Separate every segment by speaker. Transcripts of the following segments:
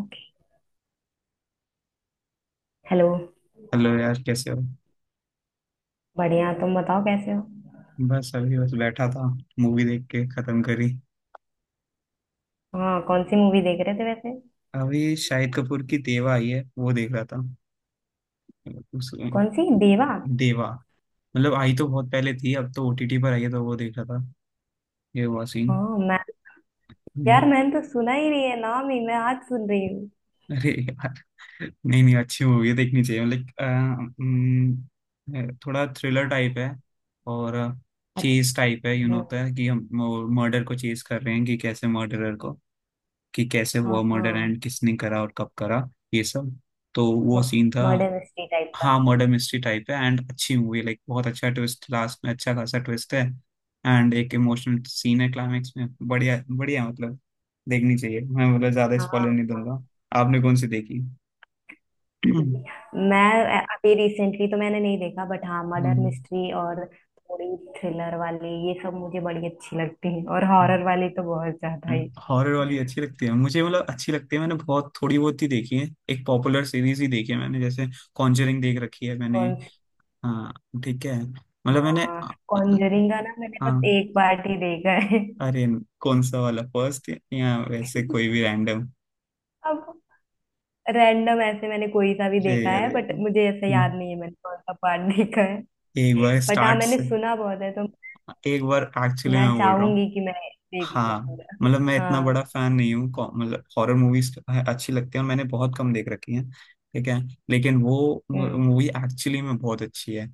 Speaker 1: Okay. Hello.
Speaker 2: Hello यार, कैसे हो?
Speaker 1: बढ़िया, तुम बताओ कैसे हो।
Speaker 2: बस अभी बस बैठा था। मूवी देख के खत्म करी।
Speaker 1: हाँ, कौन सी मूवी देख रहे थे वैसे?
Speaker 2: अभी शाहिद कपूर की देवा आई है, वो देख रहा था। उस
Speaker 1: कौन सी देवा?
Speaker 2: देवा, मतलब आई तो बहुत पहले थी, अब तो ओटीटी पर आई है, तो वो देख रहा था, ये हुआ सीन।
Speaker 1: हाँ, मैं तो।
Speaker 2: हम्म,
Speaker 1: यार, मैंने तो सुना ही नहीं है, नाम ही मैं आज सुन रही हूँ।
Speaker 2: अरे यार। नहीं नहीं, अच्छी मूवी है, देखनी चाहिए। मतलब थोड़ा थ्रिलर टाइप है, और चेज
Speaker 1: अच्छा।
Speaker 2: टाइप है, यू नो,
Speaker 1: हम्म।
Speaker 2: होता है कि हम मर्डर को चेज कर रहे हैं, कि कैसे मर्डरर को, कि कैसे हुआ मर्डर,
Speaker 1: हाँ,
Speaker 2: एंड किसने करा और कब करा, ये सब। तो वो सीन था।
Speaker 1: मर्डर मिस्ट्री टाइप का।
Speaker 2: हाँ, मर्डर मिस्ट्री टाइप है, एंड अच्छी मूवी, लाइक बहुत अच्छा ट्विस्ट, लास्ट में अच्छा खासा ट्विस्ट है। एंड एक इमोशनल सीन है क्लाइमेक्स में, बढ़िया बढ़िया, मतलब देखनी चाहिए। मैं, मतलब, ज्यादा
Speaker 1: हाँ,
Speaker 2: स्पॉइलर नहीं
Speaker 1: हाँ।
Speaker 2: दूंगा। आपने कौन सी देखी?
Speaker 1: ठीक है। मैं अभी रिसेंटली तो मैंने नहीं देखा, बट हाँ मर्डर मिस्ट्री और थोड़ी थ्रिलर वाली, ये सब मुझे बड़ी अच्छी लगती है, और हॉरर वाली तो बहुत ज्यादा ही।
Speaker 2: हॉरर वाली अच्छी लगती है मुझे, मतलब अच्छी लगती है, मैंने बहुत थोड़ी बहुत ही देखी है, एक पॉपुलर सीरीज ही देखी है मैंने, जैसे कॉन्जरिंग देख रखी है मैंने।
Speaker 1: कौन सी?
Speaker 2: हाँ। ठीक है, मतलब मैंने।
Speaker 1: हाँ, कॉन्जरिंग का ना मैंने
Speaker 2: हाँ।
Speaker 1: बस एक पार्ट ही देखा है।
Speaker 2: अरे, कौन सा वाला, फर्स्ट, या वैसे कोई भी रैंडम?
Speaker 1: अब, रैंडम ऐसे मैंने कोई सा भी
Speaker 2: अरे
Speaker 1: देखा है,
Speaker 2: अरे।
Speaker 1: बट मुझे ऐसे याद
Speaker 2: हम्म,
Speaker 1: नहीं है मैंने कौन सा पार्ट देखा है।
Speaker 2: एक बार
Speaker 1: बट हाँ,
Speaker 2: स्टार्ट
Speaker 1: मैंने
Speaker 2: से।
Speaker 1: सुना बहुत है तो
Speaker 2: एक बार एक्चुअली
Speaker 1: मैं
Speaker 2: मैं बोल रहा हूँ।
Speaker 1: चाहूंगी कि मैं देखूं
Speaker 2: हाँ, मतलब मैं
Speaker 1: पूरा।
Speaker 2: इतना बड़ा
Speaker 1: हाँ।
Speaker 2: फैन नहीं हूँ, मतलब हॉरर मूवीज अच्छी लगती है और मैंने बहुत कम देख रखी है, ठीक है, लेकिन वो
Speaker 1: हम्म।
Speaker 2: मूवी एक्चुअली में बहुत अच्छी है।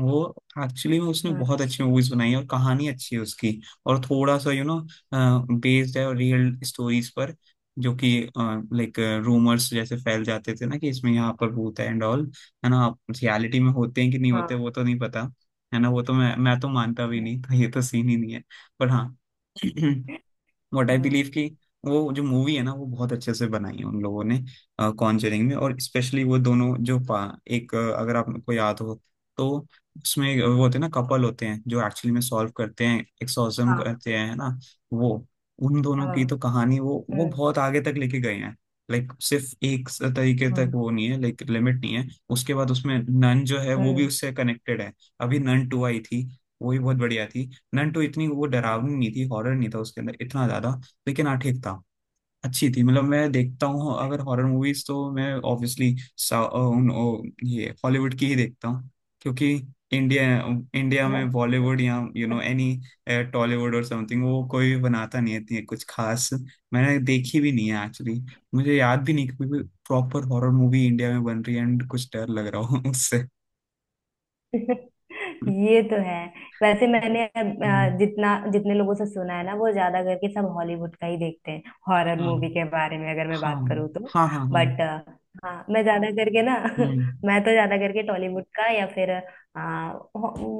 Speaker 2: वो, एक्चुअली में उसने बहुत अच्छी
Speaker 1: अच्छा।
Speaker 2: मूवीज बनाई है और कहानी अच्छी है उसकी। और थोड़ा सा, यू नो, बेस्ड है और रियल स्टोरीज पर, जो कि लाइक रूमर्स जैसे फैल जाते थे ना, कि इसमें यहाँ पर भूत है एंड ऑल, है ना। रियलिटी में होते हैं कि नहीं होते,
Speaker 1: हाँ,
Speaker 2: वो तो नहीं पता, है ना। वो तो मैं तो मानता भी नहीं था, ये तो सीन ही नहीं है, पर हाँ। व्हाट आई
Speaker 1: हाँ,
Speaker 2: बिलीव, कि वो जो मूवी है ना, वो बहुत अच्छे से बनाई है उन लोगों ने कॉन्जरिंग में। और स्पेशली वो दोनों जो एक, अगर आपको याद हो तो, उसमें वो होते हैं ना, कपल होते हैं जो एक्चुअली में सॉल्व करते हैं, एक्सोर्सिज्म
Speaker 1: हाँ,
Speaker 2: करते हैं, है ना। वो, उन दोनों
Speaker 1: हाँ।
Speaker 2: की तो कहानी वो
Speaker 1: हम्म,
Speaker 2: बहुत आगे तक लेके गए हैं। लाइक, सिर्फ एक तरीके तक
Speaker 1: हम्म,
Speaker 2: वो नहीं है, लाइक लिमिट नहीं है। उसके बाद उसमें नन जो है, वो भी
Speaker 1: हम्म।
Speaker 2: उससे कनेक्टेड है। अभी नन 2 आई थी, वो भी बहुत बढ़िया थी। नंटो इतनी वो डरावनी नहीं थी, हॉरर नहीं था उसके अंदर इतना ज्यादा, लेकिन हाँ ठीक था, अच्छी थी। मतलब मैं देखता हूँ अगर हॉरर मूवीज, तो मैं ऑब्वियसली ये हॉलीवुड की ही देखता हूँ। क्योंकि इंडिया इंडिया में बॉलीवुड, या यू नो,
Speaker 1: हाँ।
Speaker 2: एनी टॉलीवुड और समथिंग, वो कोई बनाता नहीं है इतनी कुछ खास। मैंने देखी भी नहीं है, एक्चुअली। मुझे याद भी नहीं कि प्रॉपर हॉरर मूवी इंडिया में बन रही है एंड कुछ डर लग रहा हो उससे।
Speaker 1: ये तो है। वैसे मैंने
Speaker 2: हम्म,
Speaker 1: जितना जितने लोगों से सुना है ना, वो ज्यादा करके सब हॉलीवुड का ही देखते हैं, हॉरर
Speaker 2: हाँ
Speaker 1: मूवी के बारे में अगर मैं
Speaker 2: हाँ
Speaker 1: बात करूँ तो।
Speaker 2: हाँ हाँ हाँ।
Speaker 1: बट हाँ, मैं ज्यादा करके ना
Speaker 2: हम्म
Speaker 1: मैं तो ज्यादा करके टॉलीवुड का या फिर आ,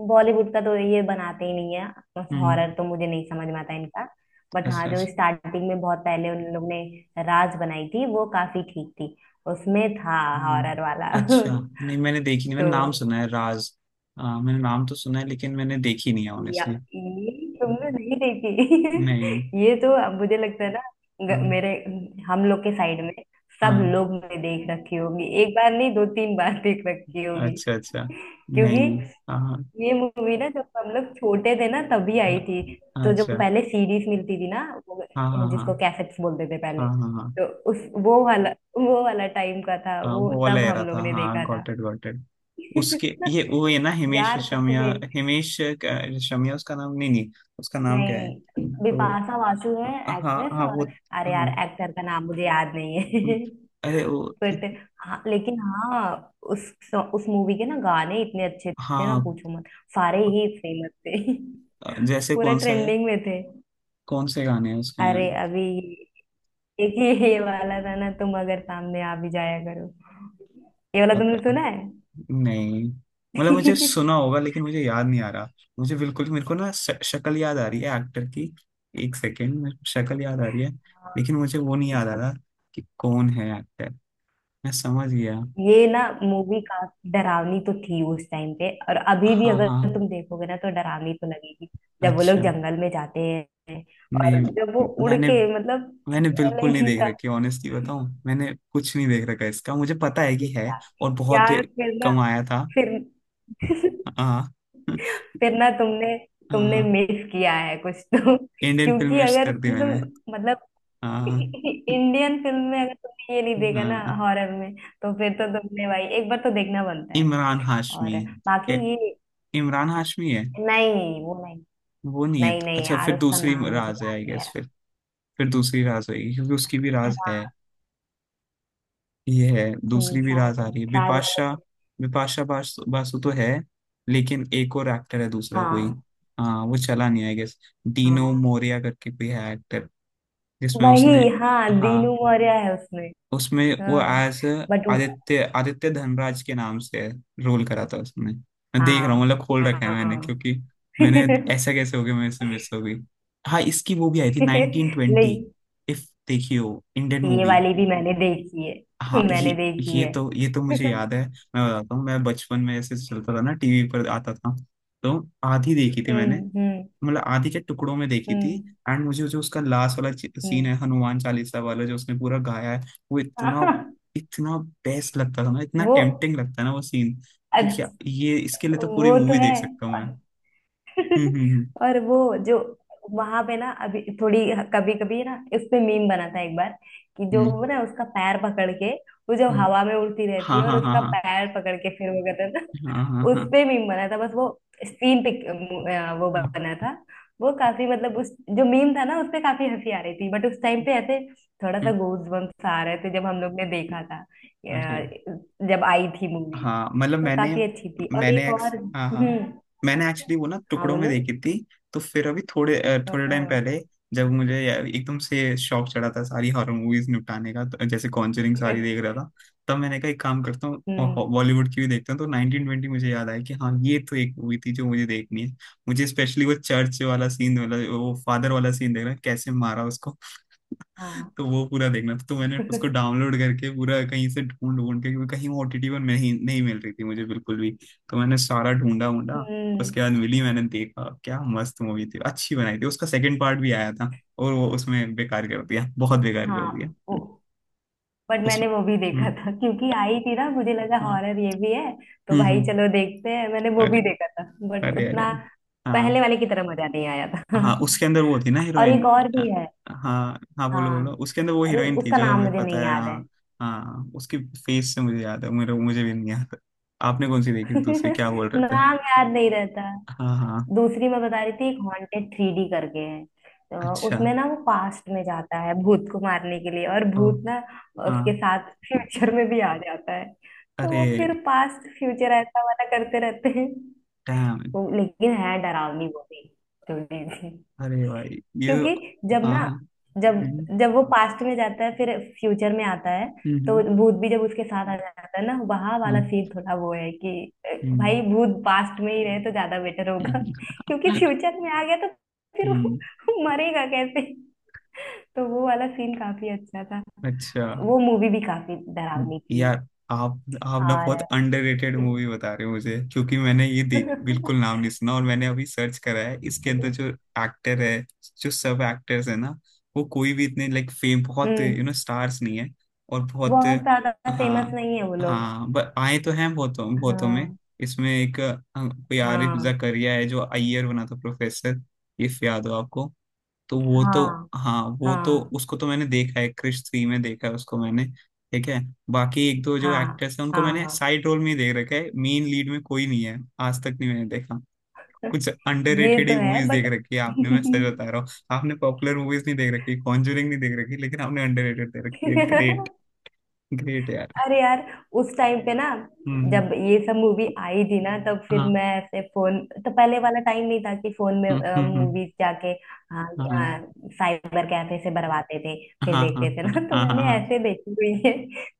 Speaker 1: बॉलीवुड का, तो ये बनाते ही नहीं है।
Speaker 2: हम्म।
Speaker 1: हॉरर तो मुझे नहीं समझ में आता इनका। बट हाँ,
Speaker 2: अच्छा
Speaker 1: जो
Speaker 2: अच्छा।
Speaker 1: स्टार्टिंग में बहुत पहले उन लोग ने राज बनाई थी, वो काफी ठीक थी। उसमें था
Speaker 2: हम्म,
Speaker 1: हॉरर वाला।
Speaker 2: अच्छा। नहीं, मैंने देखी नहीं, मैंने
Speaker 1: तो
Speaker 2: नाम सुना है, राज। मैंने नाम तो सुना है, लेकिन मैंने देखी नहीं है,
Speaker 1: या
Speaker 2: ऑनेस्टली।
Speaker 1: ये तुमने नहीं
Speaker 2: नहीं।
Speaker 1: देखी? ये तो अब मुझे लगता है ना,
Speaker 2: हाँ
Speaker 1: मेरे, हम लोग के साइड में सब
Speaker 2: हाँ।
Speaker 1: लोग ने देख रखी होगी, एक बार नहीं दो तीन बार देख रखी होगी।
Speaker 2: अच्छा अच्छा।
Speaker 1: क्योंकि
Speaker 2: नहीं। हाँ
Speaker 1: ये मूवी ना जब हम लोग छोटे थे ना तभी आई थी।
Speaker 2: हाँ,
Speaker 1: तो जो
Speaker 2: अच्छा।
Speaker 1: पहले सीरीज मिलती थी ना, वो
Speaker 2: हाँ हाँ
Speaker 1: जिसको
Speaker 2: हाँ
Speaker 1: कैसेट्स बोलते थे
Speaker 2: हाँ
Speaker 1: पहले,
Speaker 2: हाँ हाँ
Speaker 1: तो उस वो वाला वो वाला टाइम का था,
Speaker 2: हाँ,
Speaker 1: वो
Speaker 2: वो वाला
Speaker 1: तब
Speaker 2: एरा
Speaker 1: हम
Speaker 2: था,
Speaker 1: लोग ने
Speaker 2: हाँ,
Speaker 1: देखा था।
Speaker 2: Got it got it. उसके, ये, वो है ना, हिमेश
Speaker 1: यार, सच
Speaker 2: रेशमिया।
Speaker 1: में।
Speaker 2: हिमेश रेशमिया उसका नाम, नहीं नहीं, उसका नाम क्या है,
Speaker 1: नहीं,
Speaker 2: वो।
Speaker 1: बिपाशा बासु है
Speaker 2: हाँ
Speaker 1: एक्ट्रेस।
Speaker 2: हाँ,
Speaker 1: और
Speaker 2: वो।
Speaker 1: अरे यार,
Speaker 2: हाँ।
Speaker 1: एक्टर का नाम मुझे याद नहीं है।
Speaker 2: अरे वो।
Speaker 1: बट हाँ, लेकिन हाँ, उस उस मूवी के ना गाने इतने अच्छे थे ना,
Speaker 2: हाँ,
Speaker 1: पूछो मत। सारे ही फेमस थे।
Speaker 2: जैसे
Speaker 1: पूरा
Speaker 2: कौन सा है?
Speaker 1: ट्रेंडिंग में थे।
Speaker 2: कौन से गाने हैं उसमें?
Speaker 1: अरे अभी, एक ही ये वाला था ना, तुम अगर सामने आ भी जाया करो। ये वाला तुमने
Speaker 2: पता
Speaker 1: सुना है?
Speaker 2: नहीं, मतलब मुझे सुना होगा लेकिन मुझे याद नहीं आ रहा। मुझे बिल्कुल, मेरे को ना, शक्ल याद आ रही है एक्टर की। एक सेकेंड, मेरे को शक्ल याद आ रही है,
Speaker 1: हाँ।
Speaker 2: लेकिन मुझे वो नहीं याद आ रहा कि कौन है एक्टर, मैं समझ गया।
Speaker 1: ये ना मूवी काफी डरावनी तो थी उस टाइम पे, और अभी भी
Speaker 2: हाँ
Speaker 1: अगर
Speaker 2: हाँ।
Speaker 1: तुम देखोगे ना तो डरावनी तो लगेगी। जब वो लोग
Speaker 2: अच्छा।
Speaker 1: जंगल में जाते हैं,
Speaker 2: नहीं,
Speaker 1: और जब वो उड़
Speaker 2: मैंने।
Speaker 1: के मतलब,
Speaker 2: मैंने बिल्कुल
Speaker 1: अलग
Speaker 2: नहीं
Speaker 1: ही
Speaker 2: देख
Speaker 1: था।
Speaker 2: रखी, ऑनेस्टली बताऊं मैंने कुछ नहीं देख रखा इसका, मुझे पता है कि है और बहुत
Speaker 1: यार, फिर ना,
Speaker 2: कमाया था।
Speaker 1: फिर
Speaker 2: हाँ
Speaker 1: फिर ना तुमने
Speaker 2: हाँ
Speaker 1: तुमने
Speaker 2: हाँ।
Speaker 1: मिस किया है कुछ तो,
Speaker 2: इंडियन फिल्म
Speaker 1: क्योंकि
Speaker 2: वेस्ट
Speaker 1: अगर
Speaker 2: कर दी मैंने।
Speaker 1: तुम मतलब,
Speaker 2: हाँ।
Speaker 1: इंडियन फिल्म में अगर तुमने ये नहीं देखा ना
Speaker 2: हाँ।
Speaker 1: हॉरर में, तो फिर तो तुमने भाई एक बार तो देखना बनता है।
Speaker 2: इमरान हाशमी।
Speaker 1: और बाकी
Speaker 2: ए,
Speaker 1: ये,
Speaker 2: इमरान हाशमी है।
Speaker 1: नहीं वो नहीं,
Speaker 2: वो नहीं है
Speaker 1: नहीं
Speaker 2: तो,
Speaker 1: नहीं
Speaker 2: अच्छा,
Speaker 1: यार,
Speaker 2: फिर
Speaker 1: उसका
Speaker 2: दूसरी
Speaker 1: नाम मुझे
Speaker 2: राज है
Speaker 1: याद
Speaker 2: आई
Speaker 1: नहीं आ
Speaker 2: गेस,
Speaker 1: रहा।
Speaker 2: फिर दूसरी राज होगी क्योंकि उसकी भी राज है, ये है, दूसरी भी राज
Speaker 1: शायद
Speaker 2: आ रही है,
Speaker 1: राज
Speaker 2: बिपाशा।
Speaker 1: वाले।
Speaker 2: बिपाशा बासु, बासु तो है, लेकिन एक और एक्टर है, दूसरा कोई।
Speaker 1: हाँ।
Speaker 2: हाँ, वो चला नहीं, आई गेस। डीनो
Speaker 1: हाँ
Speaker 2: मोरिया करके कोई है एक्टर, जिसमें उसने,
Speaker 1: वही, हाँ,
Speaker 2: हाँ,
Speaker 1: दीनू मौर्य है उसमें।
Speaker 2: उसमें वो
Speaker 1: हाँ,
Speaker 2: एज
Speaker 1: बट
Speaker 2: आदित्य आदित्य धनराज के नाम से रोल करा था उसने। मैं देख रहा हूँ,
Speaker 1: हाँ,
Speaker 2: मतलब खोल रखा है मैंने,
Speaker 1: हाँ।
Speaker 2: क्योंकि मैंने, ऐसा कैसे हो गया, मेरे से मिस हो गई। हाँ, इसकी वो भी आई थी, 1920।
Speaker 1: नहीं,
Speaker 2: इफ देखी हो, इंडियन
Speaker 1: ये
Speaker 2: मूवी।
Speaker 1: वाली भी मैंने देखी है।
Speaker 2: हाँ ये,
Speaker 1: मैंने देखी
Speaker 2: ये
Speaker 1: है।
Speaker 2: तो ये तो मुझे याद है, मैं बताता हूँ, मैं बचपन में ऐसे, चलता था ना टीवी पर आता था, तो आधी देखी थी मैंने,
Speaker 1: हम्म, हम्म,
Speaker 2: मतलब आधी के टुकड़ों में देखी थी।
Speaker 1: हम्म,
Speaker 2: एंड मुझे जो उसका लास्ट वाला सीन
Speaker 1: हम्म।
Speaker 2: है, हनुमान चालीसा वाला जो उसने पूरा गाया है, वो इतना,
Speaker 1: हाँ,
Speaker 2: इतना बेस्ट लगता था ना, इतना
Speaker 1: वो,
Speaker 2: टेम्पटिंग लगता है ना वो सीन, कि क्या,
Speaker 1: अच्छ-
Speaker 2: ये, इसके लिए तो पूरी
Speaker 1: वो तो
Speaker 2: मूवी
Speaker 1: है।
Speaker 2: देख सकता हूँ मैं। हम्म।
Speaker 1: और वो जो वहां पे ना, अभी थोड़ी, कभी कभी ना उस पे मीम बना था एक बार, कि जो
Speaker 2: हम्म
Speaker 1: वो ना उसका पैर पकड़ के, वो जब
Speaker 2: हम्म हम्म।
Speaker 1: हवा में उड़ती रहती
Speaker 2: हाँ
Speaker 1: है और
Speaker 2: हाँ हाँ
Speaker 1: उसका
Speaker 2: हाँ।
Speaker 1: पैर पकड़ के फिर वो करता था।
Speaker 2: हाँ हाँ
Speaker 1: उस
Speaker 2: हाँ
Speaker 1: पे मीम बना था, बस वो सीन पिक, वो
Speaker 2: हाँ।
Speaker 1: बना था। वो काफी मतलब, उस जो मीम था ना उस पे काफी हंसी आ रही थी, बट उस टाइम पे ऐसे थोड़ा सा
Speaker 2: हम्म,
Speaker 1: गूज बम्स आ रहे थे जब हम लोग ने देखा था,
Speaker 2: अरे,
Speaker 1: जब आई थी मूवी,
Speaker 2: हाँ, मतलब
Speaker 1: तो
Speaker 2: मैंने
Speaker 1: काफी अच्छी थी। और
Speaker 2: मैंने
Speaker 1: एक
Speaker 2: एक्स
Speaker 1: और
Speaker 2: हाँ हाँ।
Speaker 1: हम्म।
Speaker 2: मैंने एक्चुअली वो ना
Speaker 1: हाँ
Speaker 2: टुकड़ों में
Speaker 1: बोलो।
Speaker 2: देखी थी। तो फिर अभी थोड़े टाइम
Speaker 1: हाँ,
Speaker 2: पहले, जब मुझे एकदम से शौक चढ़ा था सारी हॉरर मूवीज निपटाने का, तो जैसे कॉन्जरिंग सारी देख रहा था, तब मैंने कहा एक काम करता हूँ,
Speaker 1: हम्म,
Speaker 2: बॉलीवुड की भी देखता हूँ। तो 1920 मुझे याद आया कि हाँ ये तो एक मूवी थी जो मुझे देखनी है। मुझे स्पेशली वो चर्च वाला सीन वाला, वो फादर वाला सीन, देख रहा है कैसे मारा उसको,
Speaker 1: हाँ।
Speaker 2: तो वो पूरा देखना था। तो मैंने उसको डाउनलोड करके पूरा कहीं से ढूंढ ढूंढ के, क्योंकि कहीं वो ओटीटी पर नहीं नहीं मिल रही थी मुझे, बिल्कुल भी। तो मैंने सारा ढूंढा ढूंढा,
Speaker 1: हम्म,
Speaker 2: उसके बाद मिली। मैंने देखा क्या मस्त मूवी थी, अच्छी बनाई थी, उसका सेकंड पार्ट भी आया था, और वो उसमें बेकार कर दिया, बहुत बेकार कर
Speaker 1: हाँ,
Speaker 2: दिया।
Speaker 1: वो, बट
Speaker 2: उस।
Speaker 1: मैंने वो भी देखा
Speaker 2: हम्म,
Speaker 1: था क्योंकि आई थी ना, मुझे लगा
Speaker 2: हाँ।
Speaker 1: हॉरर ये भी है, तो भाई चलो
Speaker 2: हम्म।
Speaker 1: देखते हैं, मैंने वो
Speaker 2: अरे
Speaker 1: भी देखा था। बट
Speaker 2: अरे। अरे।
Speaker 1: उतना पहले
Speaker 2: हाँ।
Speaker 1: वाले की तरह मजा नहीं आया था।
Speaker 2: हाँ, उसके अंदर वो थी ना
Speaker 1: हाँ, और एक
Speaker 2: हीरोइन।
Speaker 1: और भी है।
Speaker 2: हाँ हाँ बोलो बोलो,
Speaker 1: हाँ,
Speaker 2: उसके अंदर वो
Speaker 1: अरे
Speaker 2: हीरोइन थी
Speaker 1: उसका
Speaker 2: जो
Speaker 1: नाम
Speaker 2: हमें
Speaker 1: मुझे
Speaker 2: पता
Speaker 1: नहीं
Speaker 2: है,
Speaker 1: याद है।
Speaker 2: हाँ। हाँ, उसकी फेस से मुझे याद है, मेरे मुझे भी नहीं याद। आपने कौन सी देखी थी दूसरी, क्या बोल रहे थे?
Speaker 1: नाम याद नहीं रहता।
Speaker 2: हाँ हाँ।
Speaker 1: दूसरी मैं बता रही थी, एक हॉन्टेड थ्री डी करके है, तो
Speaker 2: अच्छा।
Speaker 1: उसमें ना वो पास्ट में जाता है भूत को मारने के लिए, और
Speaker 2: ओ।
Speaker 1: भूत ना
Speaker 2: हाँ।
Speaker 1: उसके साथ फ्यूचर में भी आ जाता है। तो
Speaker 2: अरे,
Speaker 1: वो फिर पास्ट फ्यूचर ऐसा वाला करते रहते हैं।
Speaker 2: डैम।
Speaker 1: वो लेकिन है डरावनी, वो भी थोड़ी सी।
Speaker 2: अरे भाई, ये।
Speaker 1: क्योंकि जब
Speaker 2: हाँ
Speaker 1: ना,
Speaker 2: हाँ।
Speaker 1: जब
Speaker 2: हम्म
Speaker 1: जब वो पास्ट में जाता है फिर फ्यूचर में आता है, तो
Speaker 2: हम्म
Speaker 1: भूत भी जब उसके साथ आ जाता है ना, वहां वाला
Speaker 2: हम्म
Speaker 1: सीन थोड़ा वो है कि, भाई
Speaker 2: हम्म।
Speaker 1: भूत पास्ट में ही रहे तो ज्यादा बेटर होगा।
Speaker 2: हम्म,
Speaker 1: क्योंकि
Speaker 2: हम्म,
Speaker 1: फ्यूचर में आ गया तो फिर वो
Speaker 2: हम्म,
Speaker 1: वो मरेगा कैसे? तो वो वाला सीन काफी अच्छा था।
Speaker 2: अच्छा।
Speaker 1: वो मूवी भी काफी डरावनी थी।
Speaker 2: यार, आप ना बहुत
Speaker 1: और
Speaker 2: अंडररेटेड मूवी बता रहे हो मुझे, क्योंकि मैंने ये देख, बिल्कुल नाम नहीं सुना। और मैंने अभी सर्च करा है, इसके अंदर जो एक्टर है, जो सब एक्टर्स है ना, वो कोई भी इतने लाइक फेम, बहुत
Speaker 1: हम्म,
Speaker 2: यू नो स्टार्स नहीं है, और बहुत।
Speaker 1: बहुत ज्यादा फेमस
Speaker 2: हाँ
Speaker 1: नहीं है वो लोग।
Speaker 2: हाँ, बट आए तो हैं बहुतों बहुतों में।
Speaker 1: हाँ,
Speaker 2: इसमें एक, कोई आरिफ
Speaker 1: हाँ,
Speaker 2: जकरिया है जो अय्यर बना था, प्रोफेसर, इफ याद हो आपको। तो वो तो,
Speaker 1: हाँ,
Speaker 2: हाँ वो तो,
Speaker 1: हाँ,
Speaker 2: उसको तो मैंने देखा है, क्रिश 3 में देखा है उसको मैंने, ठीक है। बाकी एक दो जो
Speaker 1: हाँ,
Speaker 2: एक्ट्रेस है उनको मैंने
Speaker 1: हाँ।
Speaker 2: साइड रोल में ही देख रखा है, मेन लीड में कोई नहीं है, आज तक नहीं मैंने देखा। कुछ
Speaker 1: ये
Speaker 2: अंडररेटेड
Speaker 1: तो
Speaker 2: ही
Speaker 1: है
Speaker 2: मूवीज देख
Speaker 1: बट।
Speaker 2: रखी है आपने, मैं सच बता रहा हूँ। आपने पॉपुलर मूवीज नहीं देख रखी, कॉन्जूरिंग नहीं देख रखी, लेकिन आपने अंडररेटेड देख रखी है, ग्रेट। ग्रेट यार।
Speaker 1: अरे यार, उस टाइम पे ना
Speaker 2: हम्म।
Speaker 1: जब ये सब मूवी आई थी ना, तब फिर
Speaker 2: हाँ।
Speaker 1: मैं ऐसे फोन, तो पहले वाला टाइम नहीं था कि फोन में
Speaker 2: हम्म।
Speaker 1: मूवीज जाके। हाँ,
Speaker 2: हाँ
Speaker 1: साइबर कैफे से भरवाते थे, फिर
Speaker 2: हाँ हाँ
Speaker 1: देखते थे
Speaker 2: हाँ
Speaker 1: ना। तो
Speaker 2: हाँ हाँ
Speaker 1: मैंने
Speaker 2: हाँ।
Speaker 1: ऐसे देखी हुई है।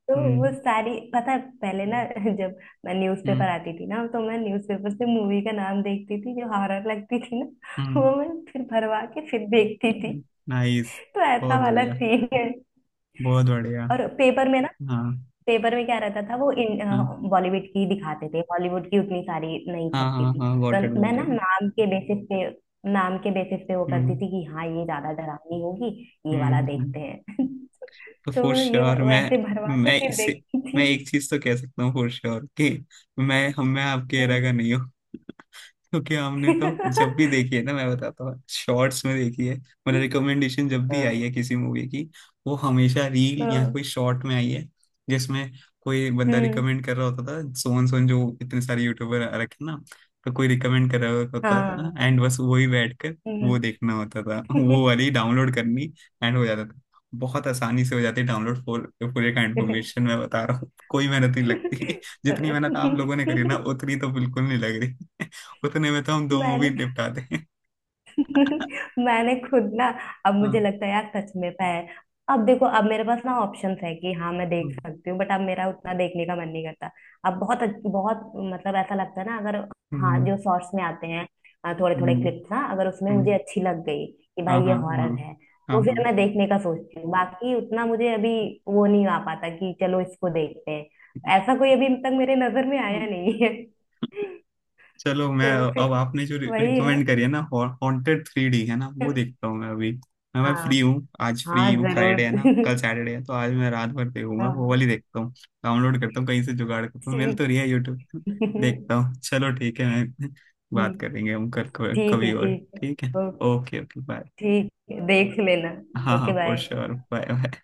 Speaker 1: तो वो
Speaker 2: हम्म
Speaker 1: सारी पता है। पहले ना, जब मैं न्यूज़पेपर
Speaker 2: हम्म
Speaker 1: आती थी ना, तो मैं न्यूज़पेपर से मूवी का नाम देखती थी जो हॉरर लगती थी ना।
Speaker 2: हम्म।
Speaker 1: वो मैं फिर भरवा के फिर देखती थी।
Speaker 2: नाइस।
Speaker 1: तो ऐसा
Speaker 2: बहुत
Speaker 1: वाला
Speaker 2: बढ़िया।
Speaker 1: सीन है।
Speaker 2: बहुत बढ़िया।
Speaker 1: और पेपर में ना,
Speaker 2: हाँ
Speaker 1: पेपर में क्या रहता था, वो इन
Speaker 2: हाँ
Speaker 1: बॉलीवुड की दिखाते थे, हॉलीवुड की उतनी सारी नहीं
Speaker 2: हाँ
Speaker 1: छपती
Speaker 2: हाँ
Speaker 1: थी।
Speaker 2: हाँ,
Speaker 1: तो
Speaker 2: गॉट इट
Speaker 1: मैं
Speaker 2: गॉट
Speaker 1: ना
Speaker 2: इट।
Speaker 1: नाम के बेसिस पे वो करती
Speaker 2: हम्म
Speaker 1: थी कि हाँ ये ज्यादा डरावनी होगी, ये वाला
Speaker 2: हम्म
Speaker 1: देखते
Speaker 2: हम्म।
Speaker 1: हैं। तो
Speaker 2: फॉर
Speaker 1: मैं ये
Speaker 2: श्योर, मैं।
Speaker 1: वैसे भरवा के
Speaker 2: मैं
Speaker 1: फिर
Speaker 2: इसे,
Speaker 1: देखती थी।
Speaker 2: मैं एक चीज तो कह सकता हूँ फॉर श्योर, कि मैं आपके एरा का
Speaker 1: हम्म।
Speaker 2: नहीं हूँ। क्योंकि हमने तो जब भी देखी है ना, मैं बताता हूँ, शॉर्ट्स में देखी है, मतलब रिकमेंडेशन जब भी आई
Speaker 1: हाँ,
Speaker 2: है किसी मूवी की, वो हमेशा रील या
Speaker 1: हाँ,
Speaker 2: कोई शॉर्ट में आई है, जिसमें कोई बंदा
Speaker 1: हम्म,
Speaker 2: रिकमेंड कर रहा होता था, सोन सोन जो इतने सारे यूट्यूबर आ रखे हैं ना। तो कोई रिकमेंड कर रहा होता
Speaker 1: हाँ,
Speaker 2: था, एंड बस वही बैठ कर वो
Speaker 1: हम्म।
Speaker 2: देखना होता था, वो वाली डाउनलोड करनी, एंड हो जाता था। बहुत आसानी से हो जाती है डाउनलोड फुल, पूरे का इन्फॉर्मेशन मैं बता रहा हूँ, कोई मेहनत नहीं लगती जितनी मेहनत आप लोगों ने करी ना, उतनी तो बिल्कुल नहीं लग रही उतने में तो हम दो मूवी
Speaker 1: मैंने,
Speaker 2: निपटा दें
Speaker 1: मैंने खुद ना, अब मुझे
Speaker 2: हाँ।
Speaker 1: लगता है यार सच में पैर, अब देखो, अब मेरे पास ना ऑप्शंस है कि हाँ मैं देख
Speaker 2: हम्म
Speaker 1: सकती हूँ, बट अब मेरा उतना देखने का मन नहीं करता। अब बहुत बहुत मतलब ऐसा लगता है ना, अगर, हाँ
Speaker 2: हम्म
Speaker 1: जो शॉर्ट्स में आते हैं थोड़े थोड़े
Speaker 2: हम्म,
Speaker 1: क्लिप्स ना, अगर उसमें
Speaker 2: हम्म,
Speaker 1: मुझे अच्छी लग गई कि
Speaker 2: हाँ
Speaker 1: भाई ये
Speaker 2: हाँ हाँ
Speaker 1: हॉरर है,
Speaker 2: हाँ
Speaker 1: तो फिर
Speaker 2: हाँ
Speaker 1: मैं देखने का सोचती हूँ, बाकी उतना मुझे अभी वो नहीं आ पाता कि चलो इसको देखते हैं। ऐसा कोई अभी तक मेरे नजर में आया नहीं है।
Speaker 2: चलो मैं,
Speaker 1: तो फिर,
Speaker 2: अब आपने जो
Speaker 1: वही है।
Speaker 2: रिकमेंड करी है ना, हॉन्टेड 3D है ना, वो देखता हूँ मैं अभी। मैं फ्री
Speaker 1: हाँ,
Speaker 2: हूँ आज,
Speaker 1: हाँ
Speaker 2: फ्री हूँ,
Speaker 1: जरूर।
Speaker 2: फ्राइडे है ना, कल सैटरडे है, तो आज मैं रात भर देखूंगा, वो
Speaker 1: हाँ,
Speaker 2: वाली देखता हूँ। डाउनलोड करता हूँ कहीं से, जुगाड़ करता हूँ, मिल
Speaker 1: ठीक,
Speaker 2: तो रही है यूट्यूब पे,
Speaker 1: ठीक।
Speaker 2: देखता हूँ। चलो ठीक है मैं बात करेंगे हम कल,
Speaker 1: ठीक है,
Speaker 2: कभी और।
Speaker 1: ठीक है।
Speaker 2: ठीक है।
Speaker 1: ओ,
Speaker 2: ओके ओके, बाय।
Speaker 1: ठीक है, देख लेना।
Speaker 2: हाँ हाँ,
Speaker 1: okay,
Speaker 2: for
Speaker 1: bye.
Speaker 2: Sure, bye.